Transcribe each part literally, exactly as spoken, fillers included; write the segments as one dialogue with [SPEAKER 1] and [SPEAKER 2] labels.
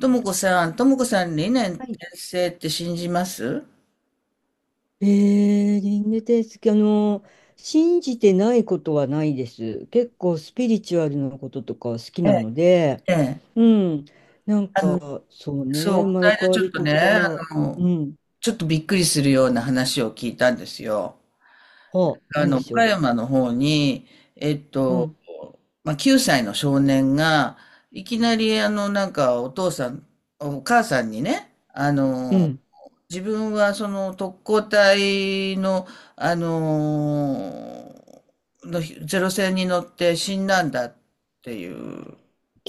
[SPEAKER 1] ともこさん、ともこさん、理念
[SPEAKER 2] は
[SPEAKER 1] 転
[SPEAKER 2] い。
[SPEAKER 1] 生って信じます？
[SPEAKER 2] えー、リングテースあの、信じてないことはないです。結構スピリチュアルなこととか好き
[SPEAKER 1] え
[SPEAKER 2] な
[SPEAKER 1] え、
[SPEAKER 2] ので、
[SPEAKER 1] ええ。
[SPEAKER 2] うん。なん
[SPEAKER 1] あの、
[SPEAKER 2] か、そうね、
[SPEAKER 1] そう、
[SPEAKER 2] 生
[SPEAKER 1] こ
[SPEAKER 2] ま
[SPEAKER 1] の
[SPEAKER 2] れ変
[SPEAKER 1] 間
[SPEAKER 2] わ
[SPEAKER 1] ちょっ
[SPEAKER 2] り
[SPEAKER 1] と
[SPEAKER 2] と
[SPEAKER 1] ね、
[SPEAKER 2] か。
[SPEAKER 1] あの、
[SPEAKER 2] うん。
[SPEAKER 1] ちょっとびっくりするような話を聞いたんですよ。
[SPEAKER 2] あ、
[SPEAKER 1] あ
[SPEAKER 2] なん
[SPEAKER 1] の、
[SPEAKER 2] でし
[SPEAKER 1] 岡
[SPEAKER 2] ょ
[SPEAKER 1] 山の方に、えっ
[SPEAKER 2] う。う
[SPEAKER 1] と、
[SPEAKER 2] ん、
[SPEAKER 1] まあ、きゅうさいの少年が、いきなり、あの、なんか、お父さん、お母さんにね、あ
[SPEAKER 2] う
[SPEAKER 1] の、
[SPEAKER 2] ん。
[SPEAKER 1] 自分はその特攻隊の、あのーのゼロ戦に乗って死んだんだっていう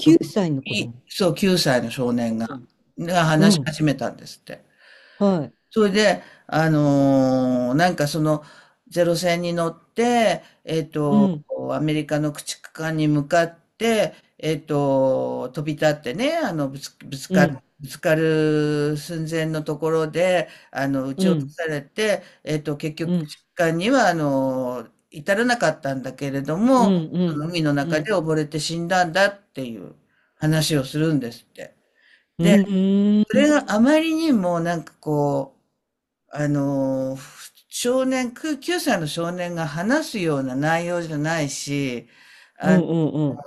[SPEAKER 1] こと
[SPEAKER 2] 歳の子
[SPEAKER 1] に、
[SPEAKER 2] 供。
[SPEAKER 1] そう、きゅうさいの少年
[SPEAKER 2] う
[SPEAKER 1] が、
[SPEAKER 2] ん、
[SPEAKER 1] が話
[SPEAKER 2] う
[SPEAKER 1] し
[SPEAKER 2] ん。
[SPEAKER 1] 始めたんですって。
[SPEAKER 2] はい。
[SPEAKER 1] それで、あのーなんかその、ゼロ戦に乗って、えっ
[SPEAKER 2] う
[SPEAKER 1] と、
[SPEAKER 2] ん、
[SPEAKER 1] アメリカの駆逐艦に向かって、えっと、飛び立ってね、あの、ぶつ、ぶつ
[SPEAKER 2] う
[SPEAKER 1] か、
[SPEAKER 2] ん、
[SPEAKER 1] ぶつかる寸前のところで、あの、撃
[SPEAKER 2] う
[SPEAKER 1] ち落と
[SPEAKER 2] ん、
[SPEAKER 1] されて、えっと、結局、
[SPEAKER 2] う
[SPEAKER 1] 駆
[SPEAKER 2] ん、
[SPEAKER 1] 逐艦には、あの、至らなかったんだけれど
[SPEAKER 2] うん、
[SPEAKER 1] も、
[SPEAKER 2] う
[SPEAKER 1] そ
[SPEAKER 2] ん、
[SPEAKER 1] の海の
[SPEAKER 2] うん、う
[SPEAKER 1] 中
[SPEAKER 2] ん、
[SPEAKER 1] で溺れて死んだんだっていう話をするんですって。
[SPEAKER 2] う
[SPEAKER 1] で、それ
[SPEAKER 2] ん、
[SPEAKER 1] があまりにもなんかこう、あの、少年、くきゅうさいの少年が話すような内容じゃないし、
[SPEAKER 2] う
[SPEAKER 1] あ
[SPEAKER 2] ん、うん。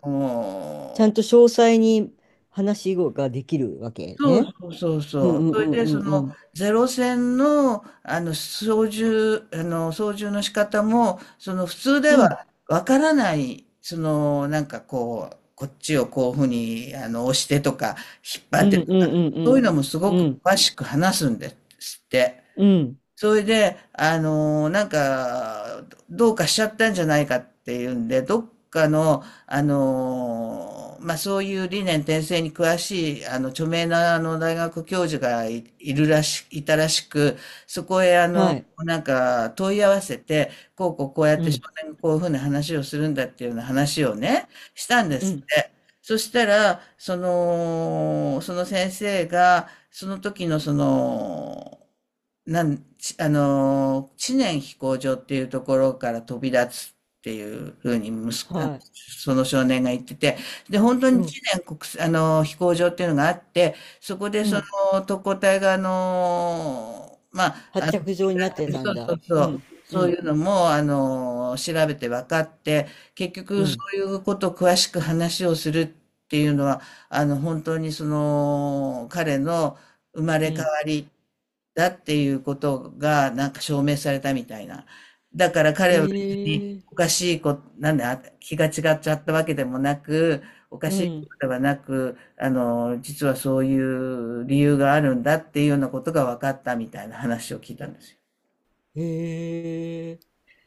[SPEAKER 2] ちゃん
[SPEAKER 1] の、
[SPEAKER 2] と詳細に話ができるわけ
[SPEAKER 1] そう
[SPEAKER 2] ね。
[SPEAKER 1] そうそう
[SPEAKER 2] う
[SPEAKER 1] そ
[SPEAKER 2] んう
[SPEAKER 1] う。
[SPEAKER 2] ん
[SPEAKER 1] それで、そ
[SPEAKER 2] うんう
[SPEAKER 1] の、
[SPEAKER 2] ん。
[SPEAKER 1] ゼロ戦の、あの、操縦、あの、操縦の仕方も、その、普通で
[SPEAKER 2] うん
[SPEAKER 1] はわからない、その、なんかこう、こっちをこういうふうに、あの、押してとか、引っ張
[SPEAKER 2] う
[SPEAKER 1] って
[SPEAKER 2] んう
[SPEAKER 1] とか、
[SPEAKER 2] んう
[SPEAKER 1] そういう
[SPEAKER 2] ん
[SPEAKER 1] のもす
[SPEAKER 2] う
[SPEAKER 1] ご
[SPEAKER 2] ん。
[SPEAKER 1] く
[SPEAKER 2] うん。
[SPEAKER 1] 詳しく話すんですって。
[SPEAKER 2] うん。
[SPEAKER 1] それで、あの、なんか、どうかしちゃったんじゃないかっていうんで、どっかの、あの、まあ、そういう理念転生に詳しい、あの、著名な、あの、大学教授がい、いるらし、いたらしく、そこへ、あ
[SPEAKER 2] は
[SPEAKER 1] の、
[SPEAKER 2] い。
[SPEAKER 1] なんか、問い合わせて、こうこうこうやっ
[SPEAKER 2] う
[SPEAKER 1] て
[SPEAKER 2] ん。
[SPEAKER 1] 少年がこういうふうな話をするんだっていうような話をね、したんで
[SPEAKER 2] う
[SPEAKER 1] すっ
[SPEAKER 2] ん。
[SPEAKER 1] て。そしたら、その、その先生が、その時のその、なん、ちあの知念飛行場っていうところから飛び立つっていうふうに、むす、あの、
[SPEAKER 2] はい。
[SPEAKER 1] その少年が言ってて、で、本当
[SPEAKER 2] う
[SPEAKER 1] に
[SPEAKER 2] ん。
[SPEAKER 1] 知念国際、あの飛行場っていうのがあって、そこで
[SPEAKER 2] う
[SPEAKER 1] そ
[SPEAKER 2] ん。
[SPEAKER 1] の特攻隊が、あのまあ、
[SPEAKER 2] 発着状になってた
[SPEAKER 1] そ
[SPEAKER 2] ん
[SPEAKER 1] うそ
[SPEAKER 2] だ。
[SPEAKER 1] う
[SPEAKER 2] う
[SPEAKER 1] そう、
[SPEAKER 2] ん。う
[SPEAKER 1] そうい
[SPEAKER 2] ん。
[SPEAKER 1] うのも、あの調べて分かって、結
[SPEAKER 2] う
[SPEAKER 1] 局そ
[SPEAKER 2] ん。
[SPEAKER 1] ういうことを詳しく話をするっていうのは、あの、本当にその、彼の生ま
[SPEAKER 2] う
[SPEAKER 1] れ変
[SPEAKER 2] ん。
[SPEAKER 1] わり、だっていうことがなんか証明されたみたいな。だから彼は別に
[SPEAKER 2] え
[SPEAKER 1] お
[SPEAKER 2] え。
[SPEAKER 1] かしいこと、なんだ、気が違っちゃったわけでもなく、おか
[SPEAKER 2] う
[SPEAKER 1] しいこ
[SPEAKER 2] ん。
[SPEAKER 1] とではなく、あの、実はそういう理由があるんだっていうようなことが分かったみたいな話を聞いたんですよ。
[SPEAKER 2] ええ。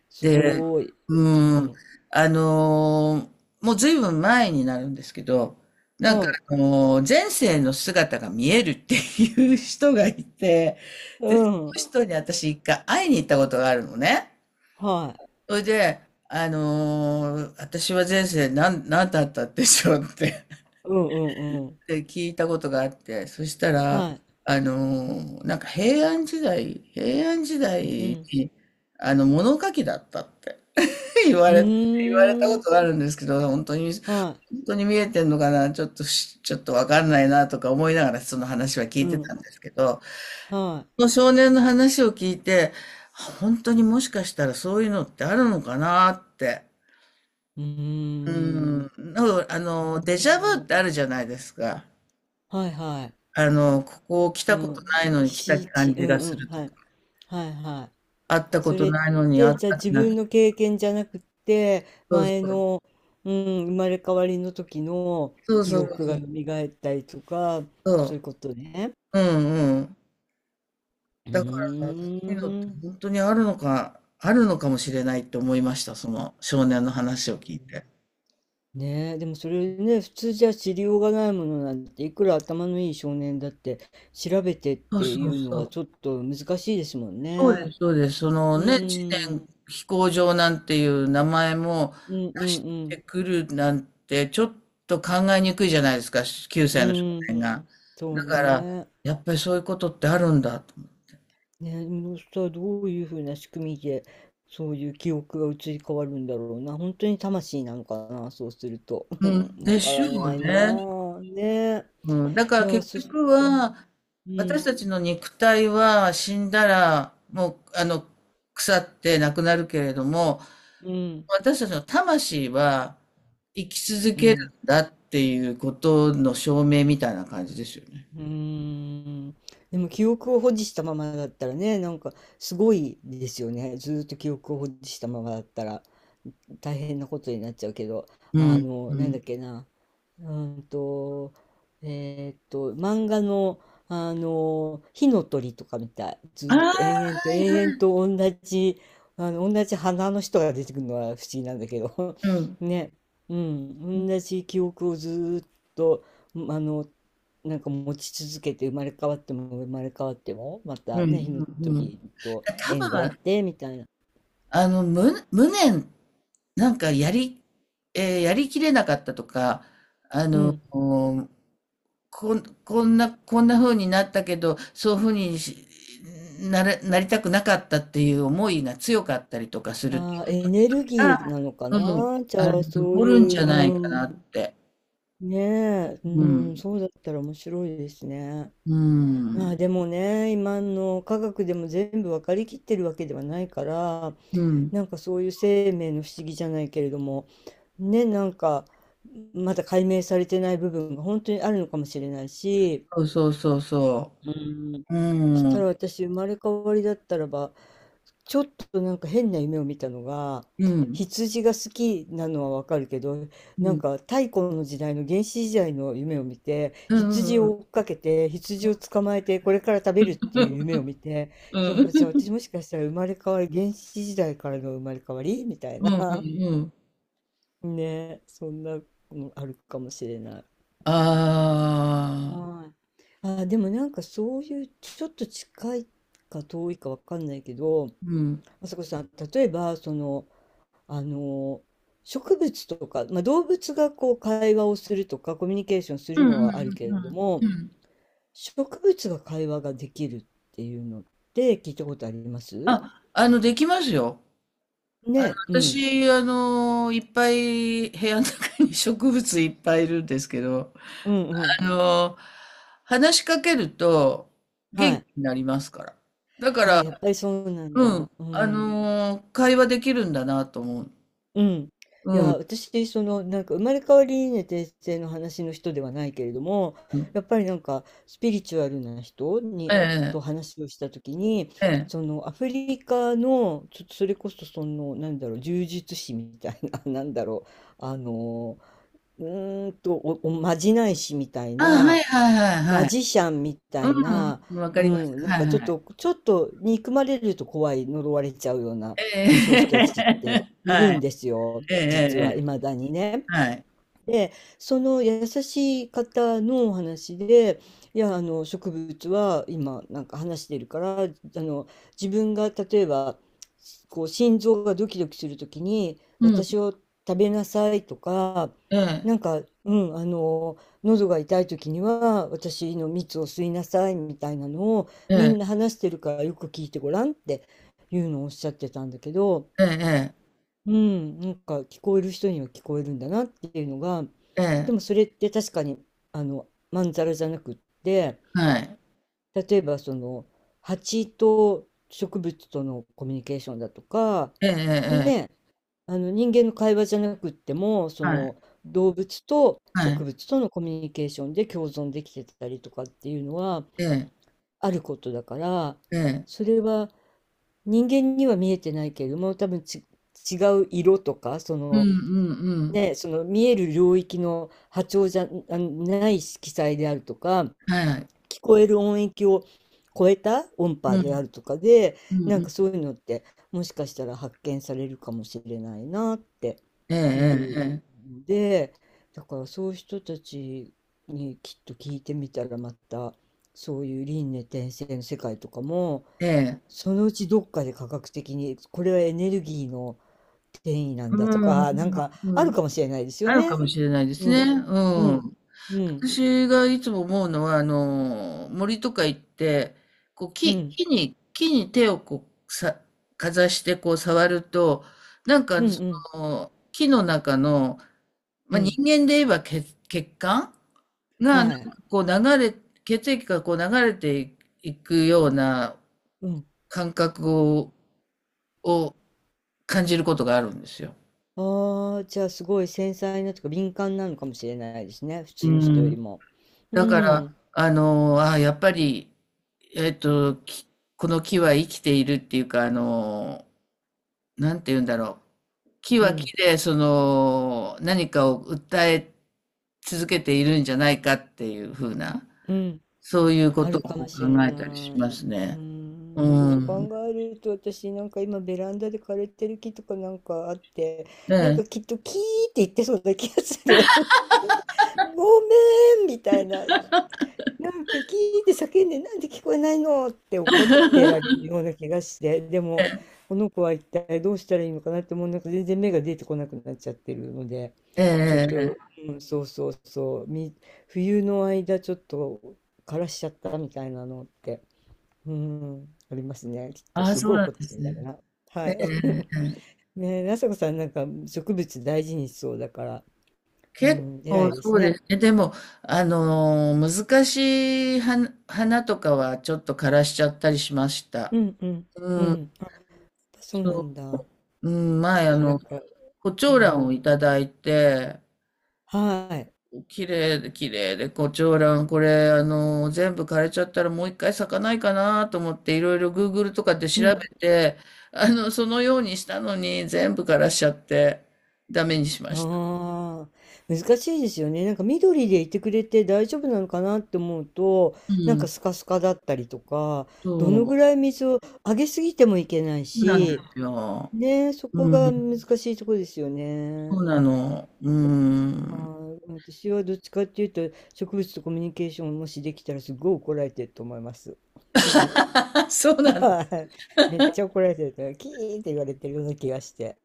[SPEAKER 2] す
[SPEAKER 1] で、
[SPEAKER 2] ごい。う
[SPEAKER 1] うん、
[SPEAKER 2] ん。
[SPEAKER 1] あの、もうずいぶん前になるんですけど、なんか
[SPEAKER 2] はい。
[SPEAKER 1] あの、前世の姿が見えるっていう人がいて、で、その
[SPEAKER 2] うん。
[SPEAKER 1] 人に私一回会いに行ったことがあるのね。
[SPEAKER 2] はい。
[SPEAKER 1] それで、あの、私は前世なんなんだったんでしょうって
[SPEAKER 2] うんうんうん。
[SPEAKER 1] で、聞いたことがあって、そしたら、
[SPEAKER 2] はい。
[SPEAKER 1] あの、なんか平安時代平安時代
[SPEAKER 2] うん。
[SPEAKER 1] に、あの、物書きだったって。言わ
[SPEAKER 2] う
[SPEAKER 1] れ、言われた
[SPEAKER 2] ー
[SPEAKER 1] こ
[SPEAKER 2] ん。
[SPEAKER 1] とがあるんですけど、本当に、本
[SPEAKER 2] はい。
[SPEAKER 1] 当に見えてんのかな、ちょっとし、ちょっとわかんないなとか思いながらその話は聞
[SPEAKER 2] う
[SPEAKER 1] いてた
[SPEAKER 2] ん。
[SPEAKER 1] んですけど、
[SPEAKER 2] は
[SPEAKER 1] その
[SPEAKER 2] い。
[SPEAKER 1] 少年の話を聞いて、本当にもしかしたらそういうのってあるのかなって。
[SPEAKER 2] うー
[SPEAKER 1] うん。
[SPEAKER 2] ん。ど
[SPEAKER 1] なんかあ
[SPEAKER 2] うな
[SPEAKER 1] の、デジャ
[SPEAKER 2] んだろ
[SPEAKER 1] ブっ
[SPEAKER 2] う。
[SPEAKER 1] てあるじゃないですか。
[SPEAKER 2] はいはい。
[SPEAKER 1] あの、ここ来
[SPEAKER 2] う
[SPEAKER 1] たことな
[SPEAKER 2] ん。
[SPEAKER 1] いのに来た
[SPEAKER 2] 岸地。
[SPEAKER 1] 感
[SPEAKER 2] う
[SPEAKER 1] じが
[SPEAKER 2] んう
[SPEAKER 1] す
[SPEAKER 2] ん。
[SPEAKER 1] ると
[SPEAKER 2] は
[SPEAKER 1] か、
[SPEAKER 2] い。はいは
[SPEAKER 1] 会っ
[SPEAKER 2] い。
[SPEAKER 1] たこ
[SPEAKER 2] そ
[SPEAKER 1] と
[SPEAKER 2] れっ
[SPEAKER 1] ないのに会
[SPEAKER 2] て、
[SPEAKER 1] っ
[SPEAKER 2] じゃあ
[SPEAKER 1] た
[SPEAKER 2] 自
[SPEAKER 1] 気がす
[SPEAKER 2] 分
[SPEAKER 1] る。
[SPEAKER 2] の経験じゃなくて、
[SPEAKER 1] そうそ
[SPEAKER 2] 前
[SPEAKER 1] う。
[SPEAKER 2] の、うん、生まれ変わりの時の
[SPEAKER 1] そう
[SPEAKER 2] 記
[SPEAKER 1] そうそう
[SPEAKER 2] 憶
[SPEAKER 1] そ
[SPEAKER 2] が
[SPEAKER 1] う。
[SPEAKER 2] 蘇ったりとか、
[SPEAKER 1] そ
[SPEAKER 2] そういうことね。
[SPEAKER 1] う。うんうん。
[SPEAKER 2] う
[SPEAKER 1] だから、
[SPEAKER 2] ー
[SPEAKER 1] そういうのって
[SPEAKER 2] ん。
[SPEAKER 1] 本当にあるのかあるのかもしれないって思いました。その少年の話を聞いて。
[SPEAKER 2] ねえ、でもそれね、普通じゃ知りようがないものなんて、いくら頭のいい少年だって調べてっ
[SPEAKER 1] そう
[SPEAKER 2] てい
[SPEAKER 1] そう
[SPEAKER 2] うの
[SPEAKER 1] そ
[SPEAKER 2] は
[SPEAKER 1] う。
[SPEAKER 2] ちょっと難しいですもん
[SPEAKER 1] そうで
[SPEAKER 2] ね。
[SPEAKER 1] すそうです。その
[SPEAKER 2] う
[SPEAKER 1] ね、知
[SPEAKER 2] ー
[SPEAKER 1] 念
[SPEAKER 2] ん。
[SPEAKER 1] 飛行場なんていう名前も
[SPEAKER 2] うんう
[SPEAKER 1] 出して
[SPEAKER 2] ん
[SPEAKER 1] くるなんて、ちょっと考えにくいじゃないですか、し9
[SPEAKER 2] うん。
[SPEAKER 1] 歳の少
[SPEAKER 2] う
[SPEAKER 1] 年
[SPEAKER 2] ー
[SPEAKER 1] が。
[SPEAKER 2] ん。そう
[SPEAKER 1] だから、
[SPEAKER 2] ね。
[SPEAKER 1] やっぱりそういうことってあるんだと。
[SPEAKER 2] ね、でもしたらどういうふうな仕組みで、そういう記憶が移り変わるんだろうな。本当に魂なのかな、そうすると。
[SPEAKER 1] う ん、
[SPEAKER 2] うん、わ
[SPEAKER 1] で
[SPEAKER 2] か
[SPEAKER 1] しょ
[SPEAKER 2] らな
[SPEAKER 1] う
[SPEAKER 2] いな
[SPEAKER 1] ね。
[SPEAKER 2] あ。ねえ。
[SPEAKER 1] うん、だか
[SPEAKER 2] い
[SPEAKER 1] ら
[SPEAKER 2] や、
[SPEAKER 1] 結
[SPEAKER 2] そし
[SPEAKER 1] 局
[SPEAKER 2] たらうん、
[SPEAKER 1] は、
[SPEAKER 2] う
[SPEAKER 1] 私
[SPEAKER 2] ん、
[SPEAKER 1] たちの肉体は死んだら、もう、あの、腐ってなくなるけれども、
[SPEAKER 2] うん、
[SPEAKER 1] 私たちの魂は生き続
[SPEAKER 2] う
[SPEAKER 1] け
[SPEAKER 2] ん。
[SPEAKER 1] るんだっていうことの証明みたいな感じですよね。
[SPEAKER 2] うーん。でも記憶を保持したままだったらね、なんかすごいですよね。ずーっと記憶を保持したままだったら大変なことになっちゃうけど、
[SPEAKER 1] う
[SPEAKER 2] あ
[SPEAKER 1] ん。
[SPEAKER 2] の、
[SPEAKER 1] う
[SPEAKER 2] なんだ
[SPEAKER 1] ん。
[SPEAKER 2] っけな。うんと、えーっと、漫画の、あの、火の鳥とかみたい。ず
[SPEAKER 1] ああ、
[SPEAKER 2] ーっ
[SPEAKER 1] は
[SPEAKER 2] と延々と
[SPEAKER 1] い
[SPEAKER 2] 延
[SPEAKER 1] は
[SPEAKER 2] 々
[SPEAKER 1] い。
[SPEAKER 2] と同じ、あの、同じ花の人が出てくるのは不思議なんだけど、
[SPEAKER 1] うん。
[SPEAKER 2] ね、うん、同じ記憶をずーっと、うんあの、なんか持ち続けて生まれ変わっても生まれ変わっても、また
[SPEAKER 1] うん。
[SPEAKER 2] ね、火の
[SPEAKER 1] うん。
[SPEAKER 2] 鳥と
[SPEAKER 1] 多
[SPEAKER 2] 縁があっ
[SPEAKER 1] 分、
[SPEAKER 2] て、みたいな。
[SPEAKER 1] あの、無、無念、なんかやり、えーやりきれなかったとか、あ
[SPEAKER 2] う
[SPEAKER 1] の、
[SPEAKER 2] ん。
[SPEAKER 1] こん、こんな、こんな風になったけど、そういう風にしなれ、なりたくなかったっていう思いが強かったりとかすると、
[SPEAKER 2] あー、エネル
[SPEAKER 1] あ
[SPEAKER 2] ギーなのか
[SPEAKER 1] うん、
[SPEAKER 2] な。じ
[SPEAKER 1] あの、
[SPEAKER 2] ゃあ、そう
[SPEAKER 1] 残るん
[SPEAKER 2] い
[SPEAKER 1] じ
[SPEAKER 2] う、
[SPEAKER 1] ゃないか
[SPEAKER 2] う
[SPEAKER 1] なっ
[SPEAKER 2] ん。
[SPEAKER 1] て。
[SPEAKER 2] ねえ、う
[SPEAKER 1] う
[SPEAKER 2] ん、
[SPEAKER 1] ん。
[SPEAKER 2] そうだったら面白いですね。
[SPEAKER 1] う
[SPEAKER 2] ま
[SPEAKER 1] ん。
[SPEAKER 2] あでもね、今の科学でも全部分かりきってるわけではないから、
[SPEAKER 1] うん。
[SPEAKER 2] なんかそういう生命の不思議じゃないけれども、ね、なんかまだ解明されてない部分が本当にあるのかもしれないし、
[SPEAKER 1] そうそうそうそ
[SPEAKER 2] うん、
[SPEAKER 1] う。う
[SPEAKER 2] そしたら
[SPEAKER 1] ん。
[SPEAKER 2] 私生まれ変わりだったらばちょっとなんか変な夢を見たのが、
[SPEAKER 1] うん。
[SPEAKER 2] 羊が好きなのはわかるけど、
[SPEAKER 1] う
[SPEAKER 2] なん
[SPEAKER 1] ん。
[SPEAKER 2] か太古の時代の原始時代の夢を見て、
[SPEAKER 1] うんう
[SPEAKER 2] 羊
[SPEAKER 1] んう
[SPEAKER 2] を
[SPEAKER 1] ん。
[SPEAKER 2] 追っかけて、羊を捕まえて、これから食べるっていう夢を見て、
[SPEAKER 1] う
[SPEAKER 2] いや、じゃあ
[SPEAKER 1] ん。
[SPEAKER 2] 私もしかしたら生まれ変わり、原始時代からの生まれ変わりみたい
[SPEAKER 1] うんう
[SPEAKER 2] な。
[SPEAKER 1] ん うん。
[SPEAKER 2] ね、そんなのあるかもしれない。
[SPEAKER 1] ああ。
[SPEAKER 2] はい。あ、でもなんかそういうちょっと近いか遠いかわかんないけど、
[SPEAKER 1] うん。
[SPEAKER 2] あさこさん、例えばそのあの植物とか、まあ、動物がこう会話をするとかコミュニケーションす
[SPEAKER 1] うん
[SPEAKER 2] る
[SPEAKER 1] う
[SPEAKER 2] の
[SPEAKER 1] ん
[SPEAKER 2] はあるけ
[SPEAKER 1] う
[SPEAKER 2] れ
[SPEAKER 1] んうん。うんうんうんうんうんああ
[SPEAKER 2] ど
[SPEAKER 1] う
[SPEAKER 2] も
[SPEAKER 1] んうんうんうんうん
[SPEAKER 2] 植物が会話ができるっていうのって聞いたことあります
[SPEAKER 1] ああの、できますよ。あの、
[SPEAKER 2] ね、うん。
[SPEAKER 1] 私、あの、いっぱい部屋の中に植物いっぱいいるんですけど、
[SPEAKER 2] うんうん。
[SPEAKER 1] あの、話しかけると
[SPEAKER 2] は
[SPEAKER 1] 元気
[SPEAKER 2] い。
[SPEAKER 1] になりますから。だか
[SPEAKER 2] あ、やっ
[SPEAKER 1] ら、
[SPEAKER 2] ぱりそうなん
[SPEAKER 1] う
[SPEAKER 2] だ。
[SPEAKER 1] ん、
[SPEAKER 2] う
[SPEAKER 1] あ
[SPEAKER 2] ん。
[SPEAKER 1] の、会話できるんだなと思う。
[SPEAKER 2] うん。
[SPEAKER 1] う
[SPEAKER 2] いや、
[SPEAKER 1] ん。
[SPEAKER 2] 私、その、なんか、生まれ変わりね、転生の話の人ではないけれども、
[SPEAKER 1] うん。
[SPEAKER 2] やっぱりなんか、スピリチュアルな人
[SPEAKER 1] え
[SPEAKER 2] に、と
[SPEAKER 1] え、
[SPEAKER 2] 話をしたときに、
[SPEAKER 1] ええ。
[SPEAKER 2] その、アフリカの、ちょっとそれこそ、その、なんだろう、呪術師みたいな、なんだろう、あの、うーんと、お、おまじない師みたい
[SPEAKER 1] あ、はい
[SPEAKER 2] な、
[SPEAKER 1] はいはい
[SPEAKER 2] マ
[SPEAKER 1] はい。
[SPEAKER 2] ジシャンみたいな、
[SPEAKER 1] うん、わか
[SPEAKER 2] う
[SPEAKER 1] ります。
[SPEAKER 2] ん、なん
[SPEAKER 1] はい
[SPEAKER 2] かちょっ
[SPEAKER 1] はい。
[SPEAKER 2] と、ちょっと憎まれると怖い、呪われちゃうような、
[SPEAKER 1] ええ、
[SPEAKER 2] そういう人たちって いる
[SPEAKER 1] は
[SPEAKER 2] ん
[SPEAKER 1] い。
[SPEAKER 2] ですよ、
[SPEAKER 1] ええ、
[SPEAKER 2] 実は、
[SPEAKER 1] え
[SPEAKER 2] い
[SPEAKER 1] え、
[SPEAKER 2] まだにね。
[SPEAKER 1] はい。
[SPEAKER 2] で、その優しい方のお話で、いや、あの植物は今なんか話してるから、あの自分が例えばこう心臓がドキドキするときに
[SPEAKER 1] うん、
[SPEAKER 2] 私を食べなさいとか、
[SPEAKER 1] ええ、
[SPEAKER 2] なんか、うん、あの喉が痛いときには私の蜜を吸いなさいみたいなのを
[SPEAKER 1] え
[SPEAKER 2] みんな
[SPEAKER 1] え、
[SPEAKER 2] 話してるからよく聞いてごらんっていうのをおっしゃってたんだけど、
[SPEAKER 1] ええ、
[SPEAKER 2] うん、なんか聞こえる人には聞こえるんだなっていうのが、
[SPEAKER 1] え
[SPEAKER 2] で
[SPEAKER 1] え、
[SPEAKER 2] もそれって確かにあのまんざらじゃなくって、
[SPEAKER 1] はい。
[SPEAKER 2] 例えばその蜂と植物とのコミュニケーションだとか、
[SPEAKER 1] ええ、ええ、
[SPEAKER 2] ね、あの人間の会話じゃなくっても、そ
[SPEAKER 1] はい。
[SPEAKER 2] の動物と
[SPEAKER 1] は
[SPEAKER 2] 植
[SPEAKER 1] い。
[SPEAKER 2] 物とのコミュニケーションで共存できてたりとかっていうのは
[SPEAKER 1] ええ、
[SPEAKER 2] あることだから、
[SPEAKER 1] ええ。
[SPEAKER 2] それは人間には見えてないけれども、多分ち違う色とか、そ
[SPEAKER 1] うんうん
[SPEAKER 2] の
[SPEAKER 1] うん。
[SPEAKER 2] ね、その見える領域の波長じゃあない色彩であるとか、
[SPEAKER 1] はい。
[SPEAKER 2] 聞こえる音域を超えた音
[SPEAKER 1] う
[SPEAKER 2] 波であ
[SPEAKER 1] ん、
[SPEAKER 2] るとかで、
[SPEAKER 1] うん
[SPEAKER 2] な
[SPEAKER 1] う
[SPEAKER 2] ん
[SPEAKER 1] ん。
[SPEAKER 2] かそういうのってもしかしたら発見されるかもしれないなっていう
[SPEAKER 1] えええ
[SPEAKER 2] ので、だからそういう人たちにきっと聞いてみたらまたそういう輪廻転生の世界とかも
[SPEAKER 1] えええ。ええ。
[SPEAKER 2] そのうちどっかで科学的にこれはエネルギーの転移なん
[SPEAKER 1] う
[SPEAKER 2] だと
[SPEAKER 1] ん、う
[SPEAKER 2] か、なん
[SPEAKER 1] ん、
[SPEAKER 2] か
[SPEAKER 1] う
[SPEAKER 2] ある
[SPEAKER 1] ん。
[SPEAKER 2] かもしれないですよ
[SPEAKER 1] あるか
[SPEAKER 2] ね。
[SPEAKER 1] もしれないです
[SPEAKER 2] う
[SPEAKER 1] ね。
[SPEAKER 2] ん。う
[SPEAKER 1] う
[SPEAKER 2] ん。
[SPEAKER 1] ん。
[SPEAKER 2] うん。
[SPEAKER 1] 私がいつも思うのは、あの、森とか行って、こう、
[SPEAKER 2] う
[SPEAKER 1] 木
[SPEAKER 2] ん。
[SPEAKER 1] 木に木に手をこう、さかざしてこう触ると、なんか、
[SPEAKER 2] うん
[SPEAKER 1] そ
[SPEAKER 2] うん。
[SPEAKER 1] の、木の中の、ま
[SPEAKER 2] う
[SPEAKER 1] あ、人
[SPEAKER 2] ん。
[SPEAKER 1] 間で言えば血血管が、なん
[SPEAKER 2] は
[SPEAKER 1] か
[SPEAKER 2] い。
[SPEAKER 1] こう流れ血液がこう流れていくような
[SPEAKER 2] うん。
[SPEAKER 1] 感覚を感じることがあるんですよ。
[SPEAKER 2] ああ、じゃあすごい繊細なとか敏感なのかもしれないですね。普
[SPEAKER 1] う
[SPEAKER 2] 通の人より
[SPEAKER 1] ん。
[SPEAKER 2] も。う
[SPEAKER 1] だから、
[SPEAKER 2] ん。
[SPEAKER 1] あの、あ、やっぱり、えっと、この木は生きているっていうか、あの、なんて言うんだろう。木
[SPEAKER 2] う
[SPEAKER 1] は木
[SPEAKER 2] ん。
[SPEAKER 1] で、その、何かを訴え続けているんじゃないかっていうふうな、
[SPEAKER 2] うん。
[SPEAKER 1] そういうこ
[SPEAKER 2] あ
[SPEAKER 1] と
[SPEAKER 2] るかも
[SPEAKER 1] を考
[SPEAKER 2] しれ
[SPEAKER 1] え
[SPEAKER 2] な
[SPEAKER 1] たりし
[SPEAKER 2] い。
[SPEAKER 1] ます
[SPEAKER 2] うー
[SPEAKER 1] ね。
[SPEAKER 2] ん。そ
[SPEAKER 1] う
[SPEAKER 2] う
[SPEAKER 1] ん。
[SPEAKER 2] 考えると私なんか今ベランダで枯れてる木とかなんかあって、
[SPEAKER 1] ね
[SPEAKER 2] なんかきっとキーって言ってそうな気がする。ごめんみたいな。なんかキーって叫んで、なんで聞こえないのって怒ってられるような気がして、でも、この子は一体どうしたらいいのかなってもうなんか全然目が出てこなくなっちゃってるので、
[SPEAKER 1] ええ
[SPEAKER 2] ちょっ
[SPEAKER 1] ええ
[SPEAKER 2] と、
[SPEAKER 1] ええ。
[SPEAKER 2] うん、そうそうそう、み、冬の間ちょっと枯らしちゃったみたいなのって、うん、ありますね。きっと
[SPEAKER 1] ああ、
[SPEAKER 2] す
[SPEAKER 1] そう
[SPEAKER 2] ごい
[SPEAKER 1] なん
[SPEAKER 2] 怒っ
[SPEAKER 1] で
[SPEAKER 2] て
[SPEAKER 1] す
[SPEAKER 2] るんだろう
[SPEAKER 1] ね。
[SPEAKER 2] な。は
[SPEAKER 1] え
[SPEAKER 2] い。
[SPEAKER 1] え。
[SPEAKER 2] ねえ、なさこさんなんか植物大事にしそうだから、う
[SPEAKER 1] 結
[SPEAKER 2] ん、偉
[SPEAKER 1] 構
[SPEAKER 2] いで
[SPEAKER 1] そ
[SPEAKER 2] す
[SPEAKER 1] うで
[SPEAKER 2] ね。
[SPEAKER 1] すね。でも、あの、難しい花花とかはちょっと枯らしちゃったりしました。
[SPEAKER 2] うんうんう
[SPEAKER 1] うん、
[SPEAKER 2] ん。やっぱそうな
[SPEAKER 1] そ
[SPEAKER 2] んだ。
[SPEAKER 1] う、うん、
[SPEAKER 2] き
[SPEAKER 1] 前、
[SPEAKER 2] っ
[SPEAKER 1] あ
[SPEAKER 2] とな
[SPEAKER 1] の、
[SPEAKER 2] んか、
[SPEAKER 1] 胡
[SPEAKER 2] う
[SPEAKER 1] 蝶蘭を
[SPEAKER 2] ん。
[SPEAKER 1] いただいて、
[SPEAKER 2] はい、
[SPEAKER 1] 綺麗で綺麗で胡蝶蘭、これ、あの、全部枯れちゃったらもう一回咲かないかなと思って、いろいろ グーグル とかで
[SPEAKER 2] う
[SPEAKER 1] 調
[SPEAKER 2] ん。
[SPEAKER 1] べて、あの、そのようにしたのに、全部枯らしちゃって、ダメにしました。
[SPEAKER 2] ああ、難しいですよね。なんか緑でいてくれて大丈夫なのかなって思うと、
[SPEAKER 1] う
[SPEAKER 2] なんか
[SPEAKER 1] ん、
[SPEAKER 2] スカスカだったりとか、ど
[SPEAKER 1] そう、
[SPEAKER 2] のぐ
[SPEAKER 1] そ
[SPEAKER 2] らい水をあげすぎてもいけない
[SPEAKER 1] うなんで
[SPEAKER 2] し、
[SPEAKER 1] すよ。
[SPEAKER 2] ねえ、そこ
[SPEAKER 1] う
[SPEAKER 2] が難
[SPEAKER 1] ん。
[SPEAKER 2] しいところですよ
[SPEAKER 1] そ
[SPEAKER 2] ね。
[SPEAKER 1] うなの。うーん。
[SPEAKER 2] はい、私はどっちかっていうと、植物とコミュニケーションをもしできたらすごい怒られてると思います。
[SPEAKER 1] そうなの。
[SPEAKER 2] はい、めっちゃ怒られてるから、キーって言われてるような気がして。